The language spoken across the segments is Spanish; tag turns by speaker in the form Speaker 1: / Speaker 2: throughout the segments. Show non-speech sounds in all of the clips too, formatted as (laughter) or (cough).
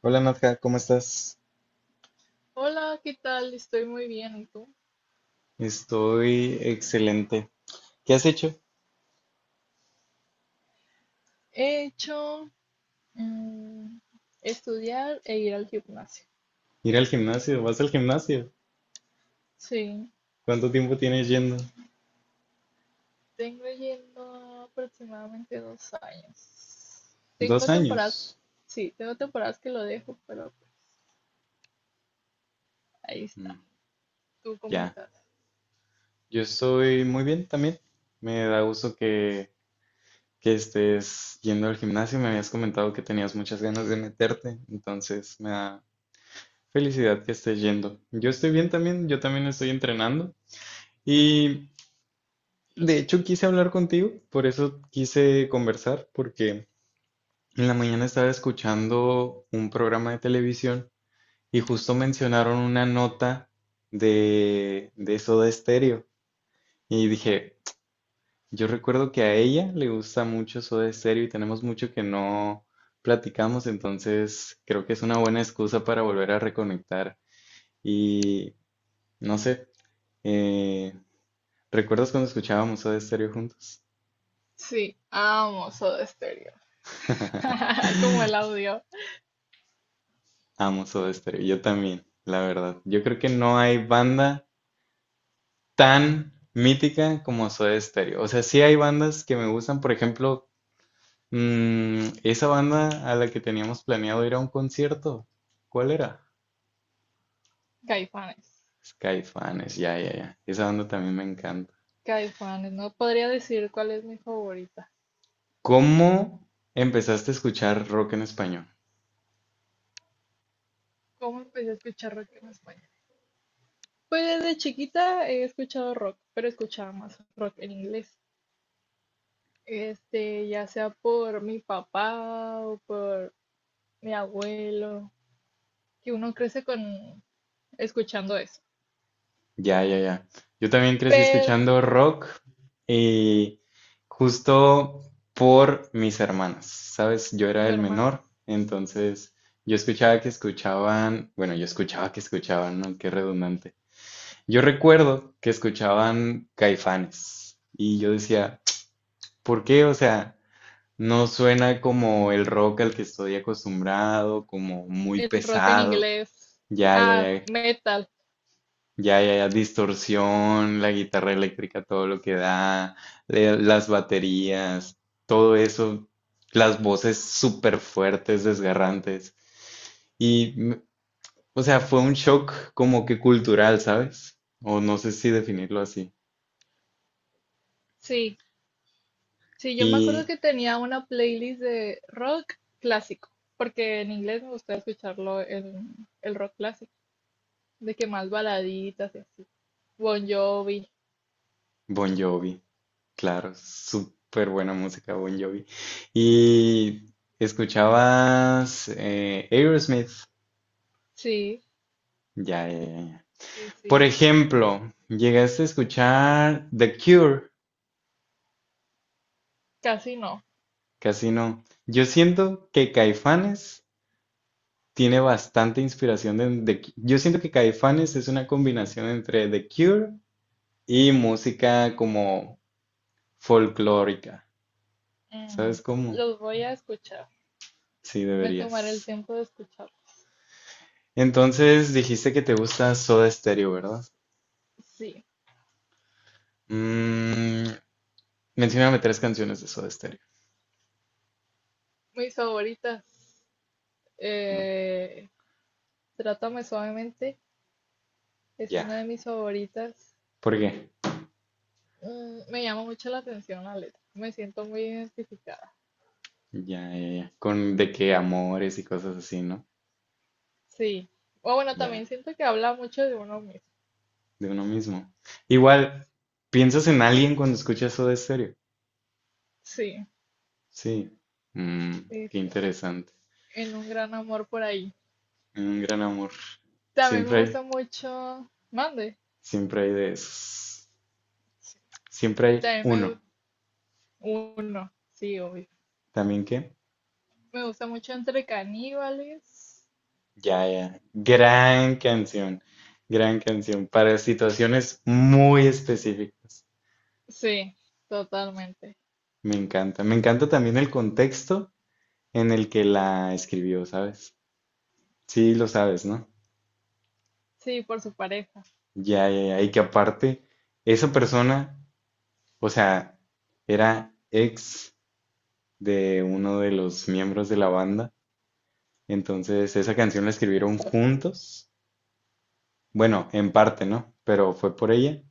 Speaker 1: Hola Nadja, ¿cómo estás?
Speaker 2: Hola, ¿qué tal? Estoy muy bien, ¿y tú?
Speaker 1: Estoy excelente. ¿Qué has hecho?
Speaker 2: He hecho mm, estudiar e ir al gimnasio.
Speaker 1: Ir al gimnasio, vas al gimnasio.
Speaker 2: Sí,
Speaker 1: ¿Cuánto tiempo tienes yendo?
Speaker 2: tengo yendo aproximadamente dos años.
Speaker 1: Dos
Speaker 2: Tengo temporadas,
Speaker 1: años.
Speaker 2: sí, tengo temporadas que lo dejo, pero pues ahí está.
Speaker 1: Mm,
Speaker 2: ¿Tú cómo
Speaker 1: ya.
Speaker 2: estás?
Speaker 1: Yo estoy muy bien también. Me da gusto que estés yendo al gimnasio. Me habías comentado que tenías muchas ganas de meterte, entonces me da felicidad que estés yendo. Yo estoy bien también, yo también estoy entrenando. Y de hecho quise hablar contigo, por eso quise conversar, porque... En la mañana estaba escuchando un programa de televisión y justo mencionaron una nota de Soda Stereo. Y dije, yo recuerdo que a ella le gusta mucho Soda Stereo y tenemos mucho que no platicamos, entonces creo que es una buena excusa para volver a reconectar. Y no sé, eh, ¿recuerdas cuando escuchábamos Soda Stereo juntos?
Speaker 2: Sí, amo Soda Stereo,
Speaker 1: (laughs)
Speaker 2: (laughs) como el audio.
Speaker 1: Amo Soda Stereo, yo también, la verdad. Yo creo que no hay banda tan mítica como Soda Stereo. O sea, sí hay bandas que me gustan, por ejemplo, esa banda a la que teníamos planeado ir a un concierto, ¿cuál era?
Speaker 2: Caifanes,
Speaker 1: Skyfanes, ya, ya, ya. Esa banda también me encanta.
Speaker 2: Caifanes, no podría decir cuál es mi favorita.
Speaker 1: ¿Cómo empezaste a escuchar rock en español?
Speaker 2: ¿Cómo empecé a escuchar rock en español? Pues desde chiquita he escuchado rock, pero escuchaba más rock en inglés. Este, ya sea por mi papá o por mi abuelo, que uno crece con escuchando eso.
Speaker 1: Ya, ya, ya. Yo también crecí
Speaker 2: Pero
Speaker 1: escuchando rock y justo por mis hermanas, ¿sabes? Yo
Speaker 2: sus
Speaker 1: era el
Speaker 2: hermanos,
Speaker 1: menor, entonces yo escuchaba que escuchaban, bueno, yo escuchaba que escuchaban, ¿no? Qué redundante. Yo recuerdo que escuchaban Caifanes y yo decía, ¿por qué? O sea, no suena como el rock al que estoy acostumbrado, como muy
Speaker 2: el rock en
Speaker 1: pesado.
Speaker 2: inglés,
Speaker 1: Ya, ya,
Speaker 2: ah,
Speaker 1: ya.
Speaker 2: metal.
Speaker 1: Ya, ya, ya, distorsión, la guitarra eléctrica, todo lo que da, las baterías, todo eso, las voces súper fuertes, desgarrantes. Y, o sea, fue un shock como que cultural, ¿sabes? O no sé si definirlo así.
Speaker 2: Sí, sí, yo me acuerdo
Speaker 1: Y
Speaker 2: que tenía una playlist de rock clásico, porque en inglés me gustaba escucharlo el rock clásico, de que más baladitas y así. Bon Jovi,
Speaker 1: Bon Jovi, claro, súper buena música Bon Jovi. Y escuchabas Aerosmith,
Speaker 2: sí.
Speaker 1: ya, ya, ya. Ya.
Speaker 2: Sí,
Speaker 1: Por
Speaker 2: sí,
Speaker 1: ejemplo, ¿llegaste a escuchar The Cure?
Speaker 2: casi no.
Speaker 1: Casi no. Yo siento que Caifanes tiene bastante inspiración de Yo siento que Caifanes es una combinación entre The Cure y música como folclórica.
Speaker 2: Mm,
Speaker 1: ¿Sabes cómo?
Speaker 2: los voy a escuchar.
Speaker 1: Sí,
Speaker 2: Me tomaré el
Speaker 1: deberías.
Speaker 2: tiempo de escucharlos.
Speaker 1: Entonces dijiste que te gusta Soda Stereo, ¿verdad?
Speaker 2: Sí,
Speaker 1: Mm, mencióname tres canciones de Soda Stereo.
Speaker 2: mis favoritas.
Speaker 1: Mm,
Speaker 2: eh, Trátame suavemente es
Speaker 1: ya.
Speaker 2: una de mis favoritas.
Speaker 1: ¿Por qué?
Speaker 2: Me llama mucho la atención la letra. Me siento muy identificada.
Speaker 1: Ya, ya, ya. Con de que amores y cosas así, ¿no?
Speaker 2: Sí. O bueno,
Speaker 1: Ya,
Speaker 2: también siento que habla mucho de uno mismo.
Speaker 1: de uno mismo. Igual, ¿piensas en alguien cuando escuchas Soda Stereo?
Speaker 2: Sí,
Speaker 1: Sí. Mm,
Speaker 2: sí,
Speaker 1: qué
Speaker 2: sí.
Speaker 1: interesante.
Speaker 2: En un gran amor por ahí.
Speaker 1: Un gran amor.
Speaker 2: También me
Speaker 1: Siempre
Speaker 2: gusta mucho. Mande.
Speaker 1: siempre hay de esos.
Speaker 2: Sí,
Speaker 1: Siempre hay
Speaker 2: también me.
Speaker 1: uno.
Speaker 2: Uno. Sí, obvio.
Speaker 1: ¿También qué?
Speaker 2: Me gusta mucho Entre Caníbales.
Speaker 1: Ya, ya. Gran canción. Gran canción. Para situaciones muy específicas.
Speaker 2: Sí, totalmente.
Speaker 1: Me encanta. Me encanta también el contexto en el que la escribió, ¿sabes? Sí, lo sabes, ¿no?
Speaker 2: Sí, por su pareja.
Speaker 1: Ya, ya, ya. Y que aparte, esa persona. O sea, era ex de uno de los miembros de la banda. Entonces, esa canción la escribieron juntos. Bueno, en parte, ¿no? Pero fue por ella.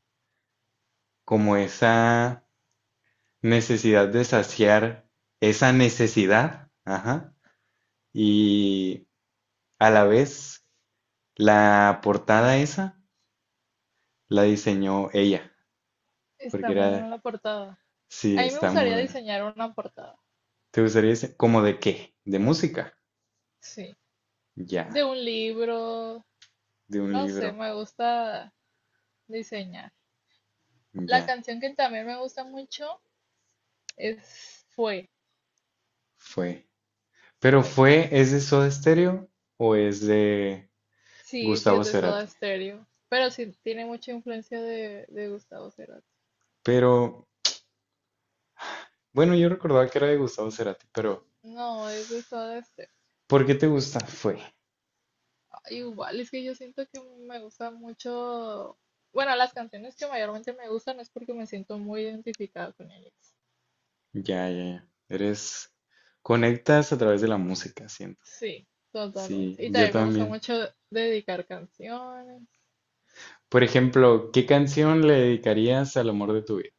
Speaker 1: Como esa necesidad de saciar esa necesidad. Ajá. Y a la vez, la portada esa la diseñó ella.
Speaker 2: Está
Speaker 1: Porque
Speaker 2: muy buena
Speaker 1: era,
Speaker 2: la portada. A
Speaker 1: sí,
Speaker 2: mí me
Speaker 1: está muy
Speaker 2: gustaría
Speaker 1: buena.
Speaker 2: diseñar una portada.
Speaker 1: ¿Te gustaría ese- como de qué? ¿De música?
Speaker 2: Sí, de
Speaker 1: Ya.
Speaker 2: un libro.
Speaker 1: ¿De un
Speaker 2: No sé,
Speaker 1: libro?
Speaker 2: me gusta diseñar. La
Speaker 1: Ya.
Speaker 2: canción que también me gusta mucho es Fue,
Speaker 1: Fue. Pero
Speaker 2: Fue.
Speaker 1: fue, ¿es de Soda Stereo o es de
Speaker 2: Sí, sí,
Speaker 1: Gustavo
Speaker 2: es de Soda
Speaker 1: Cerati?
Speaker 2: Stereo. Pero sí tiene mucha influencia de Gustavo Cerati.
Speaker 1: Pero, bueno, yo recordaba que era de Gustavo Cerati, pero
Speaker 2: No, es de Soda Stereo.
Speaker 1: ¿por qué te gusta? Fue.
Speaker 2: Igual, es que yo siento que me gusta mucho, bueno, las canciones que mayormente me gustan es porque me siento muy identificada con ellas.
Speaker 1: Ya, ya, ya. Eres, conectas a través de la música, siento.
Speaker 2: Sí,
Speaker 1: Sí,
Speaker 2: totalmente. Y
Speaker 1: yo
Speaker 2: también me gusta
Speaker 1: también.
Speaker 2: mucho dedicar canciones.
Speaker 1: Por ejemplo, ¿qué canción le dedicarías al amor de tu vida?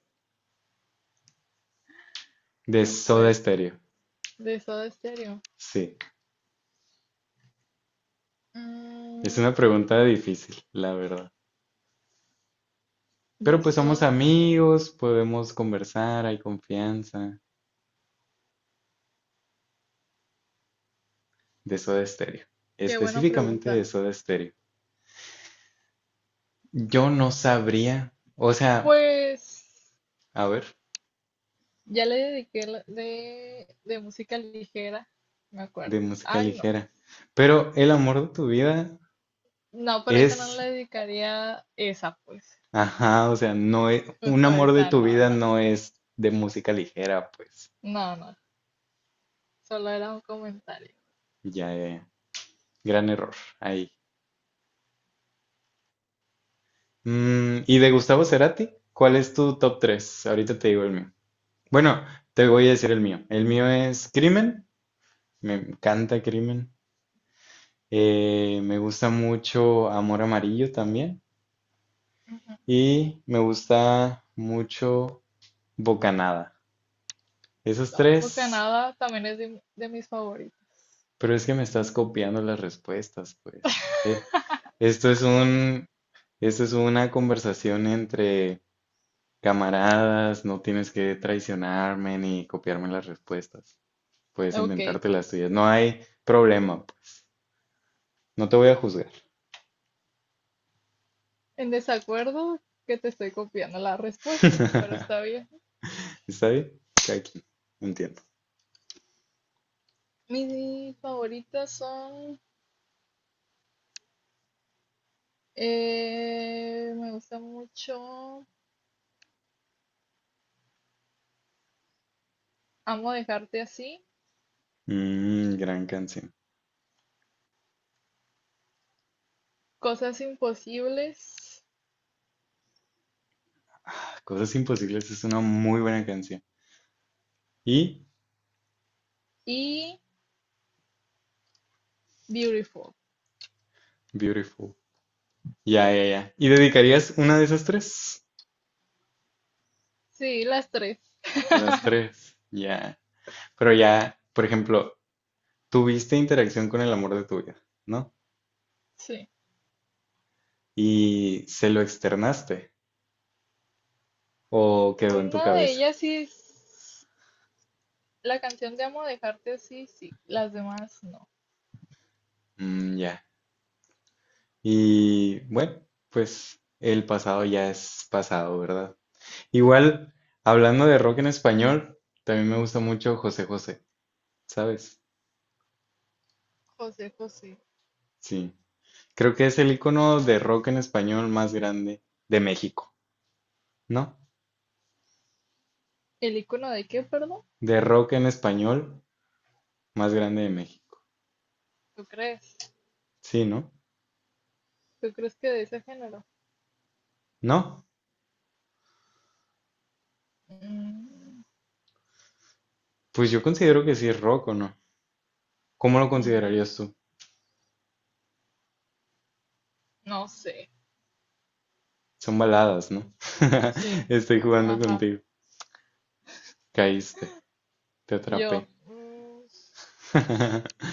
Speaker 1: De
Speaker 2: Qué
Speaker 1: Soda
Speaker 2: fuerte.
Speaker 1: Stereo.
Speaker 2: De Soda Stereo.
Speaker 1: Sí, es una
Speaker 2: Mm,
Speaker 1: pregunta difícil, la verdad. Pero
Speaker 2: de
Speaker 1: pues somos
Speaker 2: Soda Stereo.
Speaker 1: amigos, podemos conversar, hay confianza. De Soda Stereo,
Speaker 2: Qué buena
Speaker 1: específicamente de
Speaker 2: pregunta.
Speaker 1: Soda Stereo. Yo no sabría, o sea,
Speaker 2: Pues
Speaker 1: a ver,
Speaker 2: ya le dediqué la- de música ligera, me
Speaker 1: de
Speaker 2: acuerdo.
Speaker 1: música
Speaker 2: Ay, no.
Speaker 1: ligera, pero el amor de tu vida
Speaker 2: No, pero esa no
Speaker 1: es,
Speaker 2: le dedicaría esa, pues.
Speaker 1: ajá, o sea, no es, un
Speaker 2: Justo
Speaker 1: amor de
Speaker 2: esa,
Speaker 1: tu
Speaker 2: no,
Speaker 1: vida
Speaker 2: no,
Speaker 1: no es de música ligera, pues,
Speaker 2: no, no, solo era un comentario.
Speaker 1: ya, gran error ahí. Mm, ¿y de Gustavo Cerati? ¿Cuál es tu top 3? Ahorita te digo el mío. Bueno, te voy a decir el mío. El mío es Crimen, me encanta Crimen. Me gusta mucho Amor Amarillo también. Y me gusta mucho Bocanada. Esos
Speaker 2: No,
Speaker 1: tres,
Speaker 2: Bocanada también es de mis favoritos.
Speaker 1: pero es que me estás copiando las respuestas, pues. Eh, esto es un, esto es una conversación entre camaradas, no tienes que traicionarme ni copiarme las respuestas. Puedes
Speaker 2: Ok,
Speaker 1: inventarte las tuyas. No hay problema, pues. No te voy a juzgar.
Speaker 2: en desacuerdo que te estoy copiando las respuestas, pero está
Speaker 1: (laughs)
Speaker 2: bien.
Speaker 1: ¿Está bien? Cada quien, entiendo.
Speaker 2: Mis favoritas son, me gusta mucho, Amo dejarte así,
Speaker 1: Mm, gran canción.
Speaker 2: Cosas imposibles
Speaker 1: Cosas Imposibles es una muy buena canción. Y
Speaker 2: y Beautiful.
Speaker 1: Beautiful. Ya, ya, ya. ¿Y dedicarías una de esas tres?
Speaker 2: Sí, las tres,
Speaker 1: Las tres. Ya. Pero ya, por ejemplo, tuviste interacción con el amor de tu vida, ¿no?
Speaker 2: sí.
Speaker 1: Y se lo externaste o quedó en tu
Speaker 2: Una de
Speaker 1: cabeza.
Speaker 2: ellas sí es la canción de Amo dejarte así, sí, las demás no.
Speaker 1: Mm, ya. Y bueno, pues el pasado ya es pasado, ¿verdad? Igual, hablando de rock en español, también me gusta mucho José José, ¿sabes?
Speaker 2: José José.
Speaker 1: Sí. Creo que es el icono de rock en español más grande de México, ¿no?
Speaker 2: ¿El icono de qué, perdón?
Speaker 1: De rock en español más grande de México.
Speaker 2: ¿Tú crees?
Speaker 1: Sí, ¿no?
Speaker 2: ¿Tú crees que de ese género?
Speaker 1: ¿No?
Speaker 2: Mm,
Speaker 1: Pues yo considero que sí es rock o no. ¿Cómo lo
Speaker 2: mm,
Speaker 1: considerarías tú?
Speaker 2: no sé.
Speaker 1: Son baladas, ¿no? (laughs)
Speaker 2: Sí.
Speaker 1: Estoy jugando
Speaker 2: Ajá.
Speaker 1: contigo. Caíste, te
Speaker 2: Yo.
Speaker 1: atrapé. (laughs)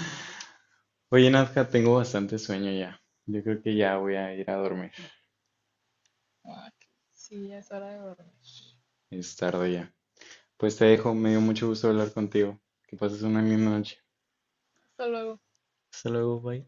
Speaker 1: Oye, Nazca, tengo bastante sueño ya. Yo creo que ya voy a ir a dormir.
Speaker 2: Ah, sí, ya es hora de dormir.
Speaker 1: Es tarde ya. Pues te dejo, me dio mucho gusto hablar contigo. Que pases una linda noche.
Speaker 2: Hasta luego.
Speaker 1: Hasta luego, bye.